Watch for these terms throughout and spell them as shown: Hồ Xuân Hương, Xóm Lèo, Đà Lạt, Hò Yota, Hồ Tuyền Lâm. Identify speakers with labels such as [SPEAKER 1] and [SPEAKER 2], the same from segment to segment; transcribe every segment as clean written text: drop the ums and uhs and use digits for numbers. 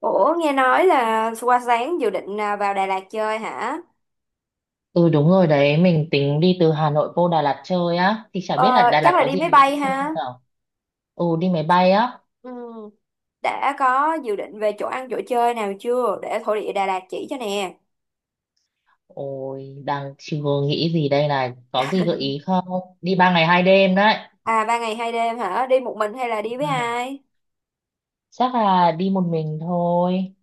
[SPEAKER 1] Ủa nghe nói là qua sáng dự định vào Đà Lạt chơi hả?
[SPEAKER 2] Ừ đúng rồi đấy, mình tính đi từ Hà Nội vô Đà Lạt chơi á, thì chả biết là
[SPEAKER 1] Ờ,
[SPEAKER 2] Đà
[SPEAKER 1] Chắc
[SPEAKER 2] Lạt
[SPEAKER 1] là
[SPEAKER 2] có
[SPEAKER 1] đi
[SPEAKER 2] gì
[SPEAKER 1] máy
[SPEAKER 2] để
[SPEAKER 1] bay
[SPEAKER 2] vui chơi không
[SPEAKER 1] ha.
[SPEAKER 2] nào. Ừ đi máy bay á,
[SPEAKER 1] Ừ, đã có dự định về chỗ ăn chỗ chơi nào chưa để thổ địa Đà Lạt chỉ cho nè.
[SPEAKER 2] ôi đang chưa nghĩ gì đây này, có gì gợi ý không? Đi ba ngày hai đêm đấy.
[SPEAKER 1] À ba ngày hai đêm hả? Đi một mình hay là đi với
[SPEAKER 2] Ừ.
[SPEAKER 1] ai?
[SPEAKER 2] Chắc là đi một mình thôi,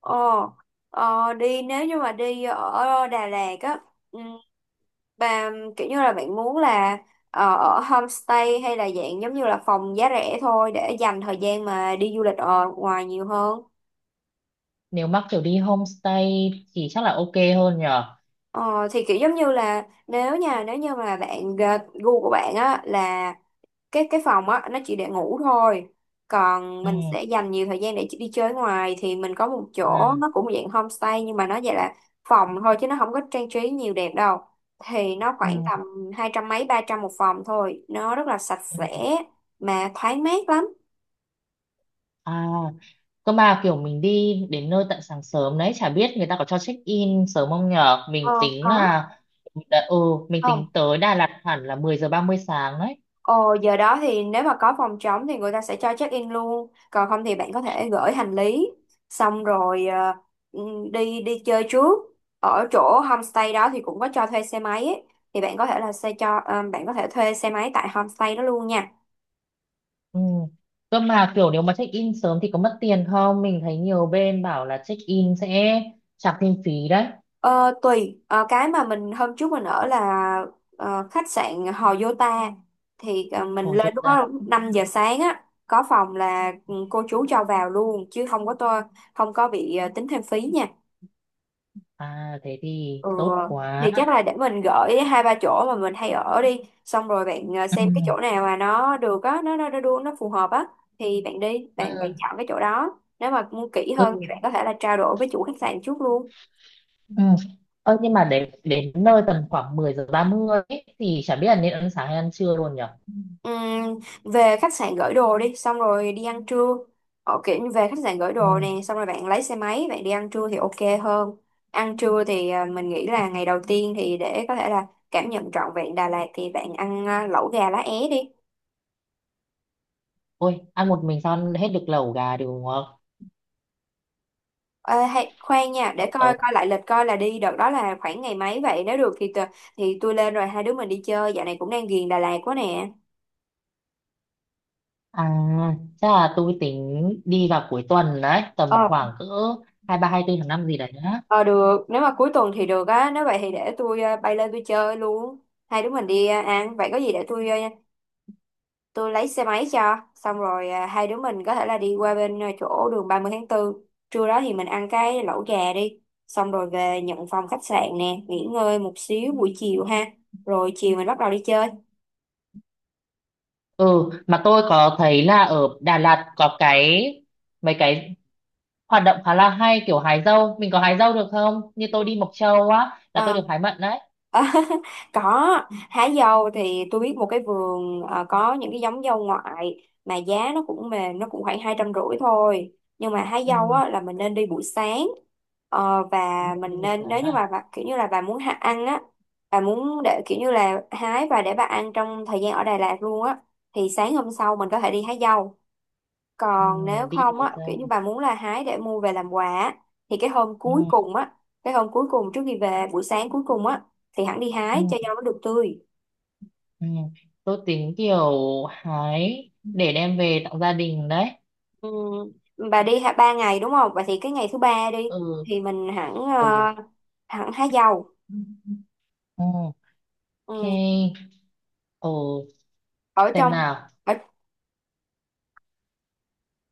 [SPEAKER 1] Ồ, đi nếu như mà đi ở Đà Lạt á, ừ, bà kiểu như là bạn muốn là ở homestay hay là dạng giống như là phòng giá rẻ thôi để dành thời gian mà đi du lịch ở ngoài nhiều hơn.
[SPEAKER 2] nếu mắc kiểu đi homestay thì chắc là ok hơn nhở.
[SPEAKER 1] Ờ, thì kiểu giống như là nếu như mà bạn gu của bạn á là cái phòng á nó chỉ để ngủ thôi, còn
[SPEAKER 2] Ừ,
[SPEAKER 1] mình sẽ dành nhiều thời gian để đi chơi ngoài, thì mình có một chỗ
[SPEAKER 2] ừ,
[SPEAKER 1] nó cũng dạng homestay nhưng mà nó vậy là phòng thôi chứ nó không có trang trí nhiều đẹp đâu, thì nó
[SPEAKER 2] ừ,
[SPEAKER 1] khoảng tầm hai trăm mấy ba trăm một phòng thôi, nó rất là sạch
[SPEAKER 2] ừ.
[SPEAKER 1] sẽ mà thoáng mát lắm.
[SPEAKER 2] À, cơ mà kiểu mình đi đến nơi tận sáng sớm đấy, chả biết người ta có cho check in sớm không nhở?
[SPEAKER 1] ờ
[SPEAKER 2] Mình tính
[SPEAKER 1] có
[SPEAKER 2] là, ừ, mình tính
[SPEAKER 1] không?
[SPEAKER 2] tới Đà Lạt hẳn là 10 giờ 30 sáng đấy.
[SPEAKER 1] Ồ, giờ đó thì nếu mà có phòng trống thì người ta sẽ cho check in luôn. Còn không thì bạn có thể gửi hành lý xong rồi đi đi chơi trước. Ở chỗ homestay đó thì cũng có cho thuê xe máy ấy. Thì bạn có thể là xe cho bạn có thể thuê xe máy tại homestay đó luôn nha.
[SPEAKER 2] Ừ. Cơ mà kiểu nếu mà check in sớm thì có mất tiền không? Mình thấy nhiều bên bảo là check in sẽ trả thêm phí đấy.
[SPEAKER 1] Ờ, Tùy. Ờ, cái mà mình hôm trước mình ở là khách sạn Hò Yota, thì mình
[SPEAKER 2] Hồi chốt
[SPEAKER 1] lên lúc
[SPEAKER 2] ra,
[SPEAKER 1] đó 5 giờ sáng á, có phòng là ừ, cô chú cho vào luôn chứ không có bị tính thêm phí nha.
[SPEAKER 2] à thế thì
[SPEAKER 1] Ừ,
[SPEAKER 2] tốt
[SPEAKER 1] thì
[SPEAKER 2] quá.
[SPEAKER 1] chắc là để mình gửi hai ba chỗ mà mình hay ở đi, xong rồi bạn
[SPEAKER 2] Ừ.
[SPEAKER 1] xem cái chỗ nào mà nó được á, nó phù hợp á, thì bạn đi
[SPEAKER 2] Ừ.
[SPEAKER 1] bạn bạn chọn cái chỗ đó, nếu mà muốn kỹ
[SPEAKER 2] Ừ.
[SPEAKER 1] hơn thì bạn có thể là trao đổi với chủ khách sạn trước luôn.
[SPEAKER 2] Ừ. Ơ nhưng mà đến đến nơi tầm khoảng 10 giờ 30 ấy, thì chả biết là nên ăn sáng hay ăn trưa luôn nhở?
[SPEAKER 1] Ừm, về khách sạn gửi đồ đi xong rồi đi ăn trưa, ở kiểu như về khách sạn gửi
[SPEAKER 2] Ừ.
[SPEAKER 1] đồ nè xong rồi bạn lấy xe máy bạn đi ăn trưa thì ok hơn. Ăn trưa thì mình nghĩ là ngày đầu tiên thì để có thể là cảm nhận trọn vẹn Đà Lạt thì bạn ăn lẩu gà lá é đi.
[SPEAKER 2] Ôi, ăn một mình sao ăn hết được lẩu gà được đúng không?
[SPEAKER 1] Ờ, Hay, khoan nha, để
[SPEAKER 2] Ờ,
[SPEAKER 1] coi coi lại lịch coi là đi đợt đó là khoảng ngày mấy vậy, nếu được thì thì tôi lên rồi hai đứa mình đi chơi, dạo này cũng đang ghiền Đà Lạt quá nè.
[SPEAKER 2] à, chắc là tôi tính đi vào cuối tuần đấy, tầm
[SPEAKER 1] ờ
[SPEAKER 2] khoảng cỡ hai ba hai tư tháng 5 gì đấy á.
[SPEAKER 1] ờ Được, nếu mà cuối tuần thì được á, nếu vậy thì để tôi bay lên tôi chơi luôn, hai đứa mình đi ăn, vậy có gì để tôi tôi lấy xe máy cho, xong rồi hai đứa mình có thể là đi qua bên chỗ đường 30 tháng 4. Trưa đó thì mình ăn cái lẩu gà đi, xong rồi về nhận phòng khách sạn nè, nghỉ ngơi một xíu buổi chiều ha, rồi chiều mình bắt đầu đi chơi.
[SPEAKER 2] Ừ, mà tôi có thấy là ở Đà Lạt có cái mấy cái hoạt động khá là hay kiểu hái dâu. Mình có hái dâu được không? Như tôi đi Mộc Châu á, là
[SPEAKER 1] À,
[SPEAKER 2] tôi được hái mận đấy.
[SPEAKER 1] À, có, hái dâu thì tôi biết một cái vườn có những cái giống dâu ngoại mà giá nó cũng mềm, nó cũng khoảng hai trăm rưỡi thôi, nhưng mà hái
[SPEAKER 2] Ừ,
[SPEAKER 1] dâu á là mình nên đi buổi sáng. Ờ,
[SPEAKER 2] đúng
[SPEAKER 1] và
[SPEAKER 2] rồi, đi
[SPEAKER 1] mình
[SPEAKER 2] buổi
[SPEAKER 1] nên,
[SPEAKER 2] sáng
[SPEAKER 1] nếu như mà
[SPEAKER 2] à?
[SPEAKER 1] bà, kiểu như là bà muốn hạ ăn á, bà muốn để kiểu như là hái và để bà ăn trong thời gian ở Đà Lạt luôn á, thì sáng hôm sau mình có thể đi hái dâu.
[SPEAKER 2] Ừ,
[SPEAKER 1] Còn nếu
[SPEAKER 2] đi
[SPEAKER 1] không
[SPEAKER 2] hái
[SPEAKER 1] á, kiểu như
[SPEAKER 2] dâu.
[SPEAKER 1] bà muốn là hái để mua về làm quà á, thì cái hôm
[SPEAKER 2] Ừ,
[SPEAKER 1] cuối cùng á, cái hôm cuối cùng trước khi về, buổi sáng cuối cùng á, thì hẳn đi
[SPEAKER 2] ừ,
[SPEAKER 1] hái cho rau nó được tươi.
[SPEAKER 2] ừ. Tôi tính kiểu hái để đem về tặng gia đình đấy.
[SPEAKER 1] Ừ. Bà đi hả ba ngày đúng không, vậy thì cái ngày thứ ba đi
[SPEAKER 2] Ừ,
[SPEAKER 1] thì mình hẳn
[SPEAKER 2] ừ,
[SPEAKER 1] hẳn hái dầu.
[SPEAKER 2] ok,
[SPEAKER 1] Ừ.
[SPEAKER 2] ờ,
[SPEAKER 1] Ở
[SPEAKER 2] xem
[SPEAKER 1] trong.
[SPEAKER 2] nào.
[SPEAKER 1] Ở.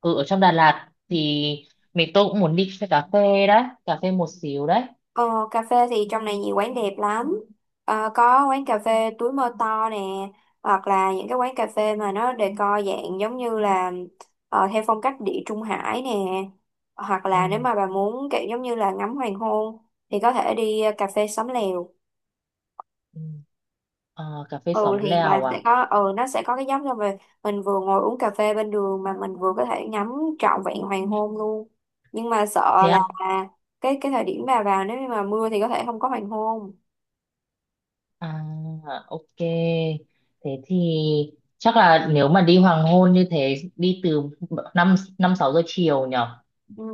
[SPEAKER 2] Ừ, ở trong Đà Lạt thì mình tôi cũng muốn đi xe cà phê đấy, cà phê một xíu đấy.
[SPEAKER 1] Ờ, Cà phê thì trong này nhiều quán đẹp lắm. Có quán cà phê túi mơ to nè, hoặc là những cái quán cà phê mà nó decor dạng giống như là theo phong cách địa Trung Hải nè. Hoặc
[SPEAKER 2] Ừ,
[SPEAKER 1] là nếu mà bà muốn kiểu giống như là ngắm hoàng hôn thì có thể đi cà phê Xóm Lèo.
[SPEAKER 2] ừ. À, cà phê
[SPEAKER 1] Ừ,
[SPEAKER 2] xóm
[SPEAKER 1] thì bà
[SPEAKER 2] lèo
[SPEAKER 1] sẽ
[SPEAKER 2] à,
[SPEAKER 1] có, ừ nó sẽ có cái giống rồi, mình vừa ngồi uống cà phê bên đường mà mình vừa có thể ngắm trọn vẹn hoàng hôn luôn. Nhưng mà sợ
[SPEAKER 2] thế
[SPEAKER 1] là
[SPEAKER 2] à,
[SPEAKER 1] cái thời điểm bà vào nếu như mà mưa thì có thể không có hoàng hôn.
[SPEAKER 2] à ok, thế thì chắc là nếu mà đi hoàng hôn như thế đi từ năm năm sáu giờ chiều nhở.
[SPEAKER 1] Ừ,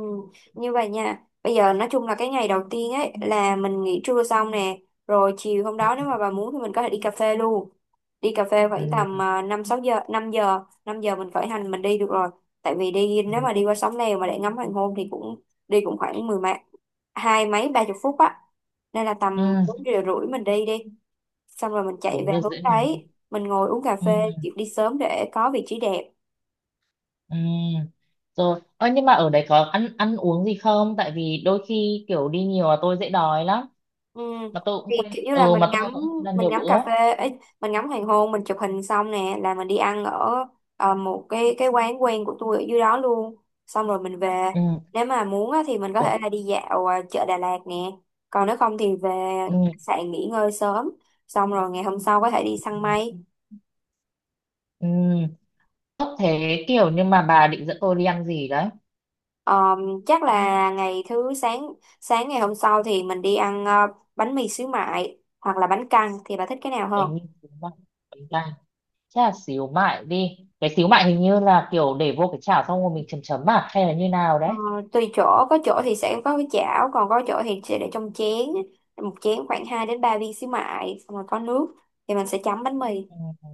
[SPEAKER 1] như vậy nha, bây giờ nói chung là cái ngày đầu tiên ấy là mình nghỉ trưa xong nè, rồi chiều hôm đó
[SPEAKER 2] Ừ,
[SPEAKER 1] nếu mà bà muốn thì mình có thể đi cà phê luôn, đi cà phê khoảng tầm
[SPEAKER 2] ừ,
[SPEAKER 1] 5 6 giờ, 5 giờ mình khởi hành mình đi được rồi, tại vì đi
[SPEAKER 2] ừ.
[SPEAKER 1] nếu mà đi qua sóng Lèo mà để ngắm hoàng hôn thì cũng đi cũng khoảng mười mấy hai mấy ba chục phút á, nên là tầm bốn
[SPEAKER 2] Ừ.
[SPEAKER 1] giờ rưỡi mình đi đi xong rồi mình chạy
[SPEAKER 2] Bốn
[SPEAKER 1] về
[SPEAKER 2] giờ
[SPEAKER 1] hướng
[SPEAKER 2] rưỡi mình đi.
[SPEAKER 1] đấy mình ngồi uống cà
[SPEAKER 2] Ừ.
[SPEAKER 1] phê, kiểu đi sớm để có vị trí đẹp.
[SPEAKER 2] Ừ. Rồi, ơ nhưng mà ở đấy có ăn ăn uống gì không? Tại vì đôi khi kiểu đi nhiều là tôi dễ đói lắm.
[SPEAKER 1] Ừ.
[SPEAKER 2] Mà tôi cũng
[SPEAKER 1] Thì
[SPEAKER 2] quên,
[SPEAKER 1] kiểu như là
[SPEAKER 2] ừ mà tôi cũng quên ăn
[SPEAKER 1] mình
[SPEAKER 2] nhiều
[SPEAKER 1] ngắm cà
[SPEAKER 2] bữa.
[SPEAKER 1] phê ấy, mình ngắm hoàng hôn mình chụp hình xong nè là mình đi ăn ở một cái quán quen của tôi ở dưới đó luôn, xong rồi mình về,
[SPEAKER 2] Ừ.
[SPEAKER 1] nếu mà muốn á thì mình có
[SPEAKER 2] Ủa,
[SPEAKER 1] thể là đi dạo chợ Đà Lạt nè, còn nếu không thì về
[SPEAKER 2] ừ.
[SPEAKER 1] khách sạn nghỉ ngơi sớm, xong rồi ngày hôm sau có thể đi săn mây.
[SPEAKER 2] Ừ. Tốt thế kiểu nhưng mà bà định dẫn tôi đi ăn gì đấy?
[SPEAKER 1] Ờ, Chắc là ngày thứ sáng sáng ngày hôm sau thì mình đi ăn bánh mì xíu mại hoặc là bánh căn, thì bà thích cái nào hơn?
[SPEAKER 2] Bánh mì xíu mại, bánh canh. Chắc là xíu mại đi. Cái xíu mại hình như là kiểu để vô cái chảo xong rồi mình chấm chấm à? Hay là như nào
[SPEAKER 1] Ờ,
[SPEAKER 2] đấy?
[SPEAKER 1] Tùy chỗ, có chỗ thì sẽ có cái chảo, còn có chỗ thì sẽ để trong chén, một chén khoảng 2 đến 3 viên xíu mại, xong rồi có nước thì mình sẽ chấm bánh mì.
[SPEAKER 2] Ừ.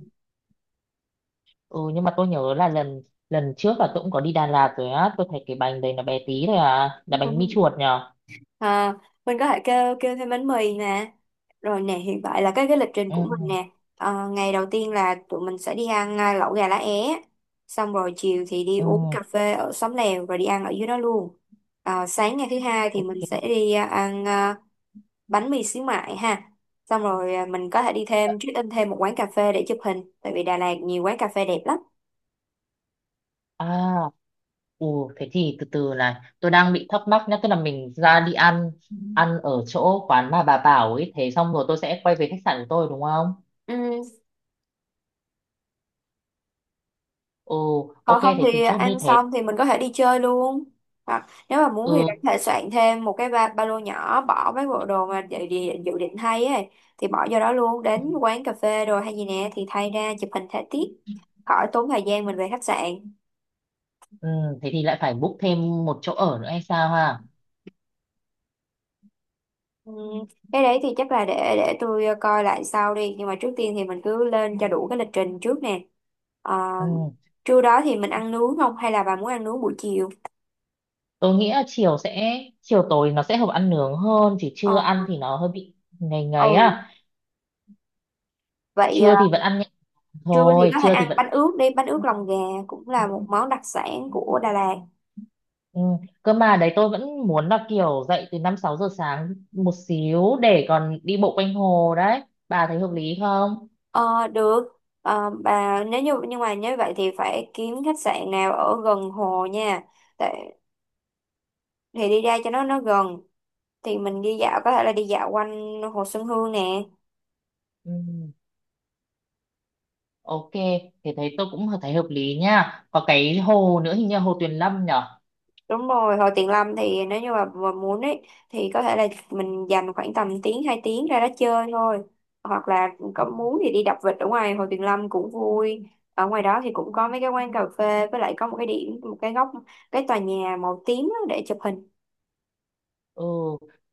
[SPEAKER 2] Ừ nhưng mà tôi nhớ là lần lần trước là tôi cũng có đi Đà Lạt rồi á. Tôi thấy cái bánh đấy nó bé tí thôi à. Là bánh mì chuột nhỉ?
[SPEAKER 1] À, mình có thể kêu kêu thêm bánh mì nè. Rồi nè, hiện tại là cái lịch trình
[SPEAKER 2] Ừ,
[SPEAKER 1] của mình nè. Ờ, ngày đầu tiên là tụi mình sẽ đi ăn lẩu gà lá é, xong rồi chiều thì đi
[SPEAKER 2] ừ,
[SPEAKER 1] uống cà phê ở xóm lèo rồi đi ăn ở dưới đó luôn. Ờ, sáng ngày thứ hai thì mình sẽ
[SPEAKER 2] ok,
[SPEAKER 1] đi ăn bánh mì xíu mại ha, xong rồi mình có thể đi thêm check in thêm một quán cà phê để chụp hình, tại vì Đà Lạt nhiều quán cà phê đẹp lắm.
[SPEAKER 2] à, ừ, thế thì từ từ này tôi đang bị thắc mắc nhá, tức là mình ra đi ăn
[SPEAKER 1] Ừ.
[SPEAKER 2] ăn ở chỗ quán mà bà bảo ấy, thế xong rồi tôi sẽ quay về khách sạn của tôi đúng không.
[SPEAKER 1] Ừ.
[SPEAKER 2] Ừ, ok,
[SPEAKER 1] Còn không
[SPEAKER 2] thế thì
[SPEAKER 1] thì
[SPEAKER 2] chốt như
[SPEAKER 1] ăn
[SPEAKER 2] thế.
[SPEAKER 1] xong thì mình có thể đi chơi luôn, hoặc nếu mà muốn thì
[SPEAKER 2] Ừ,
[SPEAKER 1] bạn có thể soạn thêm một cái ba lô nhỏ bỏ mấy bộ đồ mà dự định thay ấy, thì bỏ vô đó luôn đến quán cà phê rồi hay gì nè thì thay ra chụp hình thể tiết, khỏi tốn thời gian mình về khách sạn.
[SPEAKER 2] ừ, thế thì lại phải book thêm một chỗ ở nữa hay sao ha.
[SPEAKER 1] Ừ, cái đấy thì chắc là để tôi coi lại sau đi, nhưng mà trước tiên thì mình cứ lên cho đủ cái lịch trình trước nè. Ờ,
[SPEAKER 2] Ừ,
[SPEAKER 1] Trưa đó thì mình ăn nướng không hay là bà muốn ăn nướng buổi chiều?
[SPEAKER 2] tôi nghĩ là chiều sẽ chiều tối nó sẽ hợp ăn nướng hơn, chỉ
[SPEAKER 1] Ờ,
[SPEAKER 2] trưa ăn thì nó hơi bị ngày ngày
[SPEAKER 1] ừ
[SPEAKER 2] á,
[SPEAKER 1] Vậy
[SPEAKER 2] trưa thì vẫn ăn nhẹ
[SPEAKER 1] trưa thì
[SPEAKER 2] thôi,
[SPEAKER 1] có thể
[SPEAKER 2] trưa thì
[SPEAKER 1] ăn
[SPEAKER 2] vẫn.
[SPEAKER 1] bánh ướt đi, bánh ướt lòng gà cũng là một món đặc sản của Đà Lạt.
[SPEAKER 2] Ừ. Cơ mà đấy tôi vẫn muốn là kiểu dậy từ 5 6 giờ sáng một xíu để còn đi bộ quanh hồ đấy. Bà thấy hợp lý không?
[SPEAKER 1] Ờ, được. Ờ, bà nếu như, nhưng mà nếu vậy thì phải kiếm khách sạn nào ở gần hồ nha. Tại, thì đi ra cho nó gần, thì mình đi dạo có thể là đi dạo quanh hồ Xuân Hương nè.
[SPEAKER 2] Ừ. Ok, thế thấy tôi cũng thấy hợp lý nha. Có cái hồ nữa hình như là hồ Tuyền Lâm nhở?
[SPEAKER 1] Đúng rồi, hồi tiền lâm thì nếu như mà muốn ấy thì có thể là mình dành khoảng tầm tiếng 2 tiếng ra đó chơi thôi. Hoặc là có muốn thì đi đạp vịt ở ngoài hồ Tuyền Lâm cũng vui. Ở ngoài đó thì cũng có mấy cái quán cà phê, với lại có một cái góc cái tòa nhà màu tím á để chụp hình.
[SPEAKER 2] Ừ,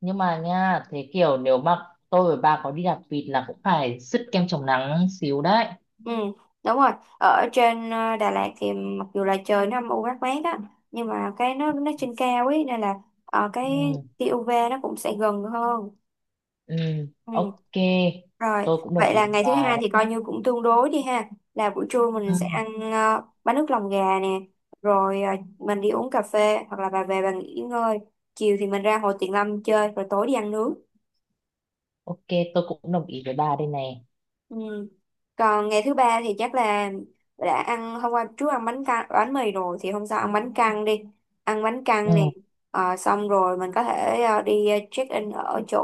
[SPEAKER 2] nhưng mà nha, thế kiểu nếu mà tôi và bà có đi đạp vịt là cũng phải sứt kem chống nắng xíu đấy.
[SPEAKER 1] Ừ, đúng rồi. Ở trên Đà Lạt thì mặc dù là trời nó âm u mát mát á, nhưng mà cái nó trên cao ấy nên là
[SPEAKER 2] Ừ.
[SPEAKER 1] cái tia UV nó cũng sẽ gần hơn.
[SPEAKER 2] Ừ.
[SPEAKER 1] Ừ.
[SPEAKER 2] Ok,
[SPEAKER 1] Rồi,
[SPEAKER 2] tôi cũng đồng
[SPEAKER 1] vậy
[SPEAKER 2] ý
[SPEAKER 1] là
[SPEAKER 2] với
[SPEAKER 1] ngày thứ
[SPEAKER 2] bà
[SPEAKER 1] hai
[SPEAKER 2] đấy.
[SPEAKER 1] thì coi như cũng tương đối đi ha. Là buổi trưa mình sẽ
[SPEAKER 2] Ừ.
[SPEAKER 1] ăn bánh nước lòng gà nè, rồi mình đi uống cà phê hoặc là bà về bà nghỉ ngơi. Chiều thì mình ra Hồ Tuyền Lâm chơi rồi tối đi ăn nướng.
[SPEAKER 2] Ok, tôi cũng đồng ý với bà đây này.
[SPEAKER 1] Ừ. Còn ngày thứ ba thì chắc là đã ăn hôm qua trước ăn bánh căn bánh mì rồi thì hôm sau ăn bánh căn đi. Ăn bánh căn nè.
[SPEAKER 2] Ừ.
[SPEAKER 1] Ờ, xong rồi mình có thể đi check in ở chỗ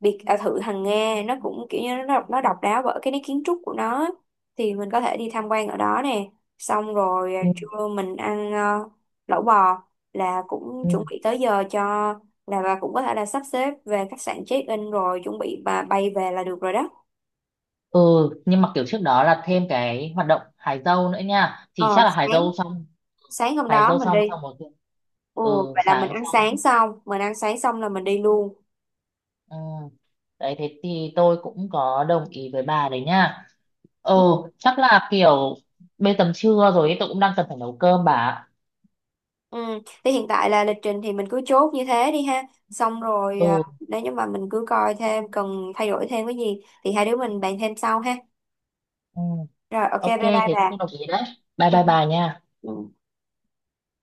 [SPEAKER 1] biệt thự hàng Nga, nó cũng kiểu như nó độc đáo bởi cái nét kiến trúc của nó, thì mình có thể đi tham quan ở đó nè, xong rồi
[SPEAKER 2] Ừ.
[SPEAKER 1] trưa mình ăn lẩu bò, là cũng
[SPEAKER 2] Ừ.
[SPEAKER 1] chuẩn bị tới giờ cho là bà cũng có thể là sắp xếp về khách sạn check in rồi chuẩn bị và bay về là được rồi đó.
[SPEAKER 2] Ừ nhưng mà kiểu trước đó là thêm cái hoạt động hái dâu nữa nha, thì
[SPEAKER 1] Ờ
[SPEAKER 2] chắc là
[SPEAKER 1] sáng Sáng hôm
[SPEAKER 2] hái
[SPEAKER 1] đó
[SPEAKER 2] dâu
[SPEAKER 1] mình đi.
[SPEAKER 2] xong xong rồi cũng-
[SPEAKER 1] Ồ,
[SPEAKER 2] ừ
[SPEAKER 1] vậy là
[SPEAKER 2] sáng xong.
[SPEAKER 1] mình ăn sáng xong là mình đi luôn.
[SPEAKER 2] Ừ. Đấy thế thì tôi cũng có đồng ý với bà đấy nha. Ừ, chắc là kiểu bây tầm trưa rồi ấy, tôi cũng đang cần phải nấu cơm bà ạ.
[SPEAKER 1] Ừ. Thì hiện tại là lịch trình thì mình cứ chốt như thế đi ha. Xong rồi
[SPEAKER 2] Ừ,
[SPEAKER 1] nếu như mà mình cứ coi thêm cần thay đổi thêm cái gì thì hai đứa mình bàn thêm sau ha.
[SPEAKER 2] ừ,
[SPEAKER 1] Rồi, ok bye
[SPEAKER 2] ok,
[SPEAKER 1] bye
[SPEAKER 2] thế tôi
[SPEAKER 1] bà.
[SPEAKER 2] cũng đồng ý đấy, bye
[SPEAKER 1] Ừ.
[SPEAKER 2] bye bà nha
[SPEAKER 1] Ừ.